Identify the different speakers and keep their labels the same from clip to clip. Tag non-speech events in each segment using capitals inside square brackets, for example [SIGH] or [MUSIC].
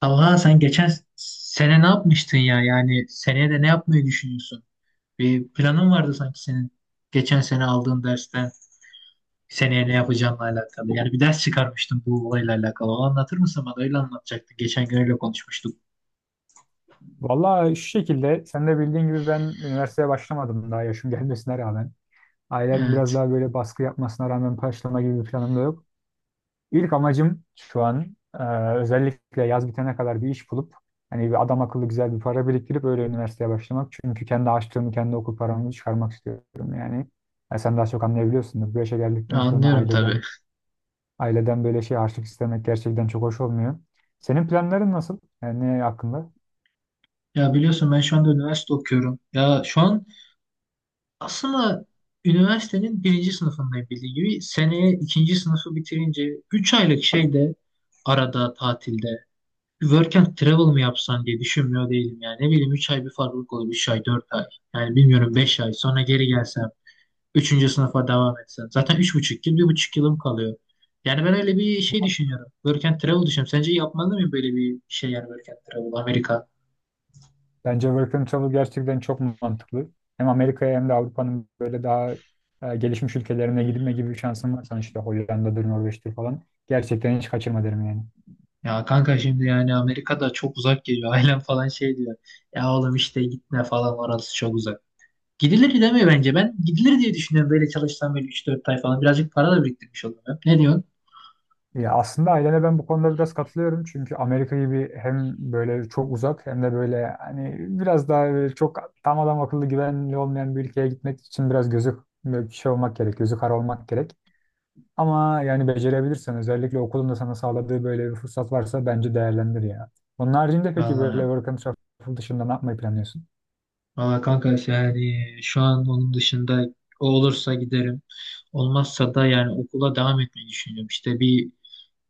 Speaker 1: Talha sen geçen sene ne yapmıştın ya? Yani seneye de ne yapmayı düşünüyorsun? Bir planın vardı sanki senin geçen sene aldığın dersten seneye ne yapacağınla alakalı. Yani bir ders çıkarmıştın bu olayla alakalı. O anlatır mısın bana? Öyle anlatacaktı. Geçen gün öyle konuşmuştuk.
Speaker 2: Vallahi şu şekilde sen de bildiğin gibi ben üniversiteye başlamadım daha yaşım gelmesine rağmen. Ailem biraz
Speaker 1: Evet.
Speaker 2: daha böyle baskı yapmasına rağmen başlama gibi bir planım da yok. İlk amacım şu an özellikle yaz bitene kadar bir iş bulup hani bir adam akıllı güzel bir para biriktirip öyle üniversiteye başlamak. Çünkü kendi açtığımı kendi okul paramı çıkarmak istiyorum yani. Ya sen daha çok anlayabiliyorsundur. Bu yaşa geldikten sonra
Speaker 1: Anlıyorum tabii.
Speaker 2: aileden böyle şey harçlık istemek gerçekten çok hoş olmuyor. Senin planların nasıl? Yani ne hakkında?
Speaker 1: Ya biliyorsun ben şu anda üniversite okuyorum. Ya şu an aslında üniversitenin birinci sınıfındayım bildiğin gibi. Seneye ikinci sınıfı bitirince 3 aylık şeyde arada tatilde bir work and travel mı yapsan diye düşünmüyor değilim yani. Ne bileyim 3 ay bir farklılık olur. 3 ay 4 ay. Yani bilmiyorum 5 ay. Sonra geri gelsem. Üçüncü sınıfa devam etsem. Zaten 3,5 yıl bir buçuk yılım kalıyor. Yani ben öyle bir şey düşünüyorum. Work and travel düşünüyorum. Sence yapmalı mıyım böyle bir şey yani work and travel Amerika?
Speaker 2: Bence work and travel gerçekten çok mantıklı. Hem Amerika'ya hem de Avrupa'nın böyle daha gelişmiş ülkelerine gidilme gibi bir şansın varsa hani işte Hollanda'dır, Norveç'tir falan. Gerçekten hiç kaçırma derim yani.
Speaker 1: Ya kanka şimdi yani Amerika'da çok uzak geliyor. [LAUGHS] Ailem falan şey diyor. Ya oğlum işte gitme falan orası çok uzak. Gidilir demiyor bence. Ben gidilir diye düşünüyorum. Böyle çalışsam böyle üç dört ay falan. Birazcık para da biriktirmiş olurum. Ne diyorsun?
Speaker 2: Ya aslında ailene ben bu konuda biraz katılıyorum. Çünkü Amerika gibi hem böyle çok uzak hem de böyle hani biraz daha böyle çok tam adam akıllı güvenli olmayan bir ülkeye gitmek için biraz gözü böyle şey olmak gerek, gözü kara olmak gerek. Ama yani becerebilirsen özellikle okulun da sana sağladığı böyle bir fırsat varsa bence değerlendir ya. Onun haricinde peki böyle
Speaker 1: Vallahi
Speaker 2: work and travel dışında ne yapmayı planlıyorsun?
Speaker 1: Valla kanka işte yani şu an onun dışında o olursa giderim. Olmazsa da yani okula devam etmeyi düşünüyorum. İşte bir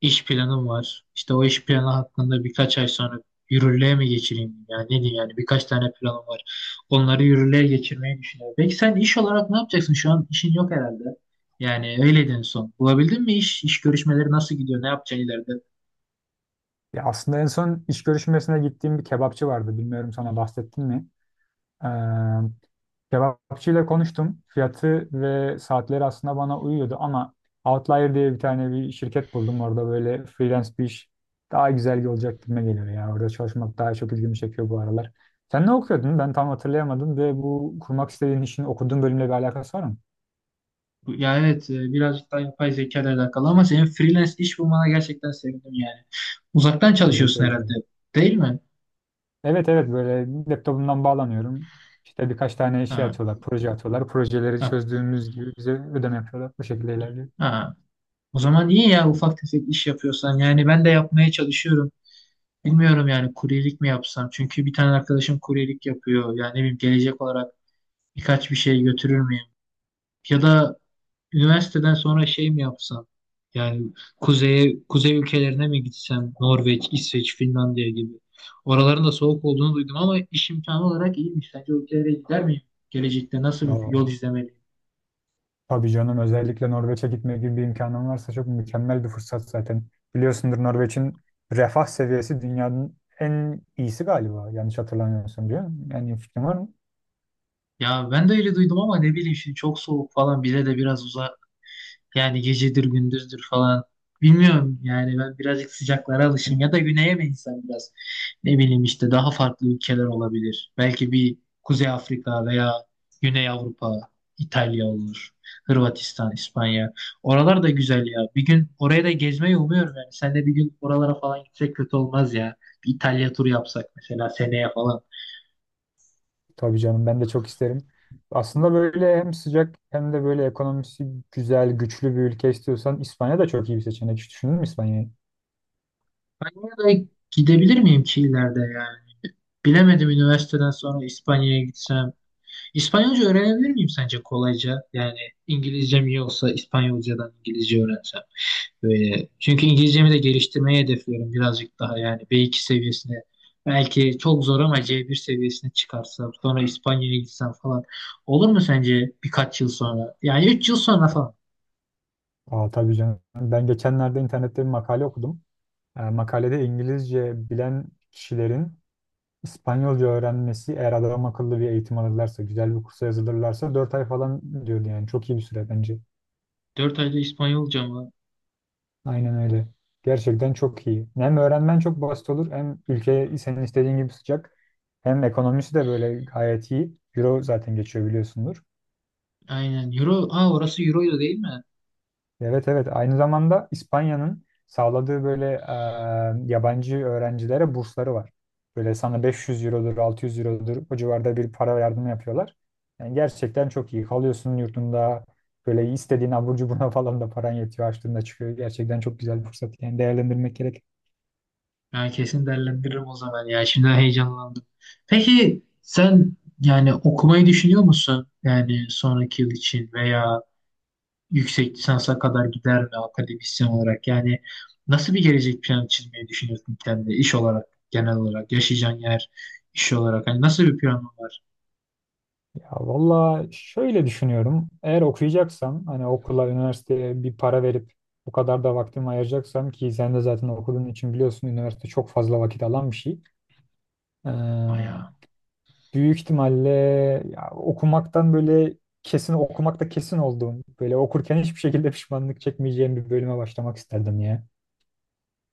Speaker 1: iş planım var. İşte o iş planı hakkında birkaç ay sonra yürürlüğe mi geçireyim? Yani ne diyeyim yani birkaç tane planım var. Onları yürürlüğe geçirmeyi düşünüyorum. Peki sen iş olarak ne yapacaksın? Şu an işin yok herhalde. Yani öyleydin en son. Bulabildin mi iş? İş görüşmeleri nasıl gidiyor? Ne yapacaksın ileride?
Speaker 2: Ya aslında en son iş görüşmesine gittiğim bir kebapçı vardı. Bilmiyorum sana bahsettim mi? Kebapçıyla konuştum. Fiyatı ve saatleri aslında bana uyuyordu ama Outlier diye bir tane bir şirket buldum. Orada böyle freelance bir iş daha güzel olacak gibime geliyor ya. Orada çalışmak daha çok ilgimi çekiyor bu aralar. Sen ne okuyordun? Ben tam hatırlayamadım ve bu kurmak istediğin işin okuduğun bölümle bir alakası var mı?
Speaker 1: Yani evet birazcık daha yapay zeka ile alakalı ama senin freelance iş bulmana gerçekten sevindim yani. Uzaktan
Speaker 2: Teşekkür
Speaker 1: çalışıyorsun herhalde
Speaker 2: ederim.
Speaker 1: değil mi?
Speaker 2: Evet, evet, böyle laptopumdan bağlanıyorum. İşte birkaç tane şey
Speaker 1: Ha,
Speaker 2: atıyorlar, proje atıyorlar. Projeleri
Speaker 1: ha,
Speaker 2: çözdüğümüz gibi bize ödeme yapıyorlar. Bu şekilde ilerliyor.
Speaker 1: ha. O zaman iyi ya ufak tefek iş yapıyorsan. Yani ben de yapmaya çalışıyorum. Bilmiyorum yani kuryelik mi yapsam? Çünkü bir tane arkadaşım kuryelik yapıyor. Yani ne bileyim gelecek olarak birkaç bir şey götürür müyüm? Ya da üniversiteden sonra şey mi yapsam? Yani kuzeye, kuzey ülkelerine mi gitsem? Norveç, İsveç, Finlandiya gibi. Oraların da soğuk olduğunu duydum ama iş imkanı olarak iyiymiş. Sence o ülkelere gider miyim? Gelecekte nasıl bir yol
Speaker 2: Oo.
Speaker 1: izlemeliyim?
Speaker 2: Tabii canım, özellikle Norveç'e gitme gibi bir imkanım varsa çok mükemmel bir fırsat zaten. Biliyorsundur, Norveç'in refah seviyesi dünyanın en iyisi galiba. Yanlış hatırlamıyorsam diyor. Yani iyi fikrim var mı?
Speaker 1: Ya ben de öyle duydum ama ne bileyim şimdi çok soğuk falan bize de biraz yani gecedir gündüzdür falan. Bilmiyorum yani ben birazcık sıcaklara alışım ya da güneye mi insan biraz ne bileyim işte daha farklı ülkeler olabilir. Belki bir Kuzey Afrika veya Güney Avrupa, İtalya olur, Hırvatistan, İspanya. Oralar da güzel ya. Bir gün oraya da gezmeyi umuyorum yani. Sen de bir gün oralara falan gitsek kötü olmaz ya. Bir İtalya turu yapsak mesela seneye falan.
Speaker 2: Tabii canım, ben de çok isterim. Aslında böyle hem sıcak hem de böyle ekonomisi güzel, güçlü bir ülke istiyorsan İspanya da çok iyi bir seçenek. Hiç düşündün mü İspanya'yı?
Speaker 1: Ben oraya da gidebilir miyim ki ileride yani? Bilemedim üniversiteden sonra İspanya'ya gitsem. İspanyolca öğrenebilir miyim sence kolayca? Yani İngilizcem iyi olsa İspanyolcadan İngilizce öğrensem. Böyle. Çünkü İngilizcemi de geliştirmeyi hedefliyorum birazcık daha yani B2 seviyesine. Belki çok zor ama C1 seviyesine çıkarsam sonra İspanya'ya gitsem falan. Olur mu sence birkaç yıl sonra? Yani 3 yıl sonra falan.
Speaker 2: Aa, tabii canım. Ben geçenlerde internette bir makale okudum. Makalede İngilizce bilen kişilerin İspanyolca öğrenmesi eğer adam akıllı bir eğitim alırlarsa, güzel bir kursa yazılırlarsa 4 ay falan diyordu yani. Çok iyi bir süre bence.
Speaker 1: Dört ayda İspanyolca mı?
Speaker 2: Aynen öyle. Gerçekten çok iyi. Hem öğrenmen çok basit olur hem ülke senin istediğin gibi sıcak. Hem ekonomisi de böyle gayet iyi. Euro zaten geçiyor biliyorsundur.
Speaker 1: Aynen. Euro. Aa, orası Euro'ydu değil mi?
Speaker 2: Evet, evet, aynı zamanda İspanya'nın sağladığı böyle yabancı öğrencilere bursları var. Böyle sana 500 eurodur, 600 eurodur, o civarda bir para yardımı yapıyorlar. Yani gerçekten çok iyi kalıyorsun yurtunda, böyle istediğin abur cubuna [LAUGHS] falan da paran yetiyor, açtığında çıkıyor. Gerçekten çok güzel bir fırsat yani, değerlendirmek gerek.
Speaker 1: Ben kesin değerlendiririm o zaman ya. Şimdi heyecanlandım. Peki sen yani okumayı düşünüyor musun? Yani sonraki yıl için veya yüksek lisansa kadar gider mi akademisyen olarak? Yani nasıl bir gelecek planı çizmeyi düşünüyorsun kendine iş olarak, genel olarak, yaşayacağın yer iş olarak? Hani nasıl bir planın var?
Speaker 2: Ya valla şöyle düşünüyorum, eğer okuyacaksam hani okula üniversiteye bir para verip bu kadar da vaktimi ayıracaksam, ki sen de zaten okuduğun için biliyorsun üniversite çok fazla vakit alan bir şey. Ee,
Speaker 1: Bayağı.
Speaker 2: Büyük ihtimalle ya, okumaktan böyle kesin okumakta kesin olduğum, böyle okurken hiçbir şekilde pişmanlık çekmeyeceğim bir bölüme başlamak isterdim ya.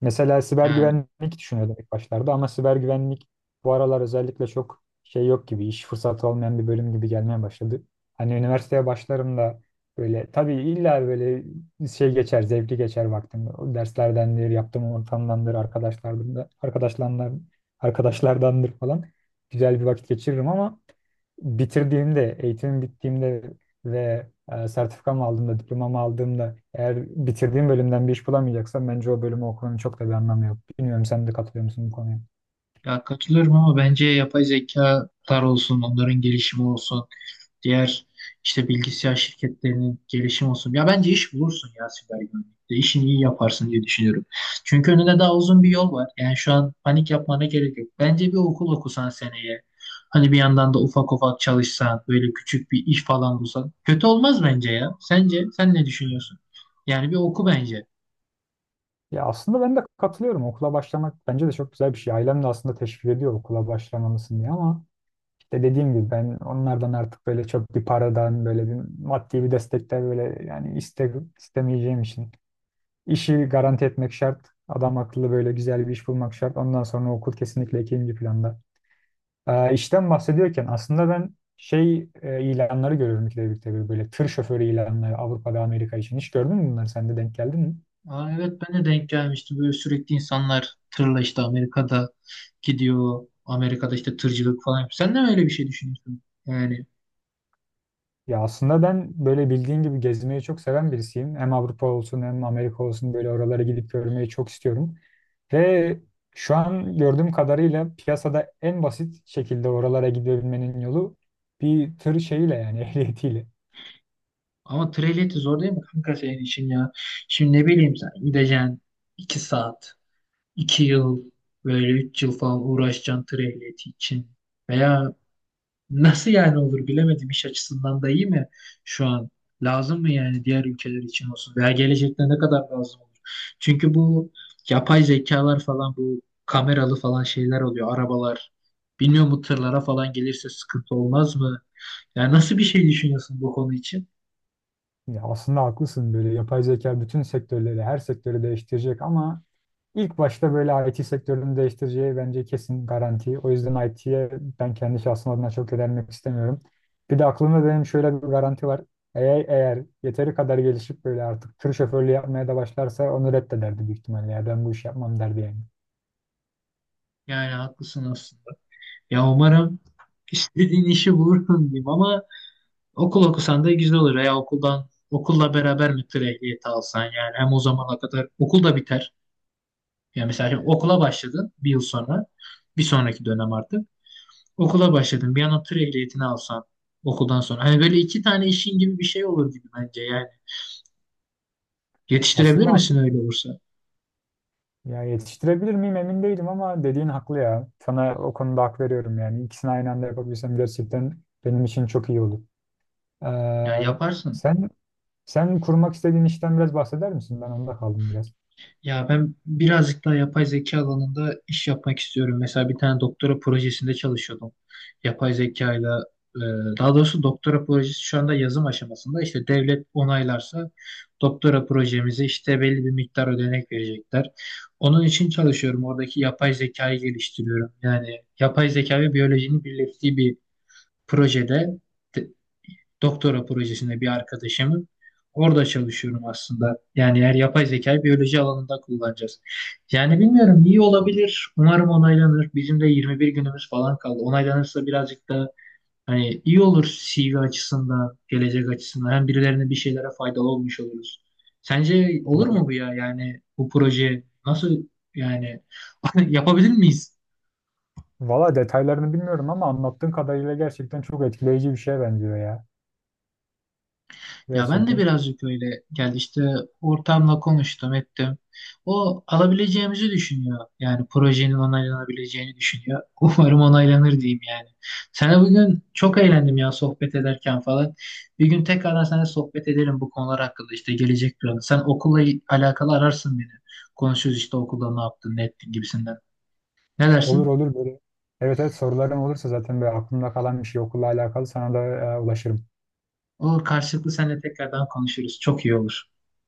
Speaker 2: Mesela siber
Speaker 1: Yani
Speaker 2: güvenlik düşünüyordum ilk başlarda ama siber güvenlik bu aralar özellikle çok şey yok gibi, iş fırsatı olmayan bir bölüm gibi gelmeye başladı. Hani üniversiteye başlarım da böyle tabii illa böyle şey geçer, zevkli geçer vaktim. O derslerdendir, yaptığım ortamdandır, arkadaşlardan da, arkadaşlardandır falan. Güzel bir vakit geçiririm ama bitirdiğimde, eğitimim bittiğimde ve sertifikamı aldığımda, diplomamı aldığımda eğer bitirdiğim bölümden bir iş bulamayacaksam bence o bölümü okumanın çok da bir anlamı yok. Bilmiyorum, sen de katılıyor musun bu konuya?
Speaker 1: ya katılıyorum ama bence yapay zekalar olsun, onların gelişimi olsun. Diğer işte bilgisayar şirketlerinin gelişim olsun. Ya bence iş bulursun ya siber güvenlikte. İşini iyi yaparsın diye düşünüyorum. Çünkü önünde daha uzun bir yol var. Yani şu an panik yapmana gerek yok. Bence bir okul okusan seneye. Hani bir yandan da ufak ufak çalışsan, böyle küçük bir iş falan bulsan. Kötü olmaz bence ya. Sence sen ne düşünüyorsun? Yani bir oku bence.
Speaker 2: Ya aslında ben de katılıyorum. Okula başlamak bence de çok güzel bir şey. Ailem de aslında teşvik ediyor okula başlamalısın diye ama işte dediğim gibi ben onlardan artık böyle çok bir paradan böyle bir maddi bir destekler böyle yani istemeyeceğim için. İşi garanti etmek şart. Adam akıllı böyle güzel bir iş bulmak şart. Ondan sonra okul kesinlikle ikinci planda. İşten bahsediyorken aslında ben şey ilanları görüyorum ikide birlikte, tabii böyle tır şoförü ilanları Avrupa'da Amerika için. Hiç gördün mü bunları? Sen de denk geldin mi?
Speaker 1: Aa, evet ben de denk gelmiştim. Böyle sürekli insanlar tırla işte Amerika'da gidiyor. Amerika'da işte tırcılık falan yapıyor. Sen de mi öyle bir şey düşünüyorsun? Yani
Speaker 2: Ya aslında ben böyle bildiğin gibi gezmeyi çok seven birisiyim. Hem Avrupa olsun hem Amerika olsun böyle oralara gidip görmeyi çok istiyorum. Ve şu an gördüğüm kadarıyla piyasada en basit şekilde oralara gidebilmenin yolu bir tır şeyiyle, yani [LAUGHS] ehliyetiyle.
Speaker 1: ama treliyeti zor değil mi kanka senin için ya? Şimdi ne bileyim sen gideceksin 2 saat, 2 yıl, böyle 3 yıl falan uğraşacaksın treliyeti için. Veya nasıl yani olur bilemedim iş açısından da iyi mi şu an? Lazım mı yani diğer ülkeler için olsun? Veya gelecekte ne kadar lazım olur? Çünkü bu yapay zekalar falan bu kameralı falan şeyler oluyor arabalar. Bilmiyorum bu tırlara falan gelirse sıkıntı olmaz mı? Yani nasıl bir şey düşünüyorsun bu konu için?
Speaker 2: Ya aslında haklısın, böyle yapay zeka bütün sektörleri, her sektörü değiştirecek ama İlk başta böyle IT sektörünü değiştireceği bence kesin garanti. O yüzden IT'ye ben kendi şahsım adına çok yönelmek istemiyorum. Bir de aklımda benim şöyle bir garanti var. Eğer yeteri kadar gelişip böyle artık tır şoförlüğü yapmaya da başlarsa onu reddederdi büyük ihtimalle. Ya ben bu işi yapmam derdi yani.
Speaker 1: Yani haklısın aslında. Ya umarım istediğin işi bulursun diyeyim ama okul okusan da güzel olur ya okuldan okulla beraber müftü ehliyeti alsan yani hem o zamana kadar okul da biter. Yani mesela şimdi okula başladın bir yıl sonra bir sonraki dönem artık okula başladın bir an tır ehliyetini alsan okuldan sonra hani böyle iki tane işin gibi bir şey olur gibi bence yani yetiştirebilir
Speaker 2: Aslında haklı.
Speaker 1: misin öyle olursa?
Speaker 2: Ya yetiştirebilir miyim emin değilim ama dediğin haklı ya. Sana o konuda hak veriyorum yani. İkisini aynı anda yapabilsem gerçekten benim için çok iyi olur.
Speaker 1: Ya
Speaker 2: Ee,
Speaker 1: yaparsın.
Speaker 2: sen sen kurmak istediğin işten biraz bahseder misin? Ben onda kaldım biraz.
Speaker 1: Ya ben birazcık daha yapay zeka alanında iş yapmak istiyorum. Mesela bir tane doktora projesinde çalışıyordum. Yapay zekayla e, daha doğrusu doktora projesi şu anda yazım aşamasında. İşte devlet onaylarsa doktora projemize işte belli bir miktar ödenek verecekler. Onun için çalışıyorum. Oradaki yapay zekayı geliştiriyorum. Yani yapay zeka ve biyolojinin birleştiği bir projede doktora projesinde bir arkadaşımın. Orada çalışıyorum aslında. Yani eğer yapay zekayı biyoloji alanında kullanacağız. Yani bilmiyorum iyi olabilir. Umarım onaylanır. Bizim de 21 günümüz falan kaldı. Onaylanırsa birazcık da hani iyi olur CV açısından, gelecek açısından. Hem birilerine bir şeylere faydalı olmuş oluruz. Sence olur mu
Speaker 2: Val-
Speaker 1: bu ya? Yani bu proje nasıl yani [LAUGHS] yapabilir miyiz?
Speaker 2: Valla detaylarını bilmiyorum ama anlattığın kadarıyla gerçekten çok etkileyici bir şeye benziyor ya.
Speaker 1: Ya ben de
Speaker 2: Gerçekten.
Speaker 1: birazcık öyle geldi işte ortamla konuştum ettim. O alabileceğimizi düşünüyor. Yani projenin onaylanabileceğini düşünüyor. [LAUGHS] Umarım onaylanır diyeyim yani. Sana bugün çok eğlendim ya sohbet ederken falan. Bir gün tekrardan seninle sohbet edelim bu konular hakkında işte gelecek planı. Sen okulla alakalı ararsın beni. Konuşuruz işte okulda ne yaptın ne ettin gibisinden. Ne
Speaker 2: Olur
Speaker 1: dersin?
Speaker 2: olur böyle. Evet, evet, sorularım olursa zaten böyle aklımda kalan bir şey okulla alakalı sana da ulaşırım.
Speaker 1: Olur karşılıklı seninle tekrardan konuşuruz. Çok iyi olur.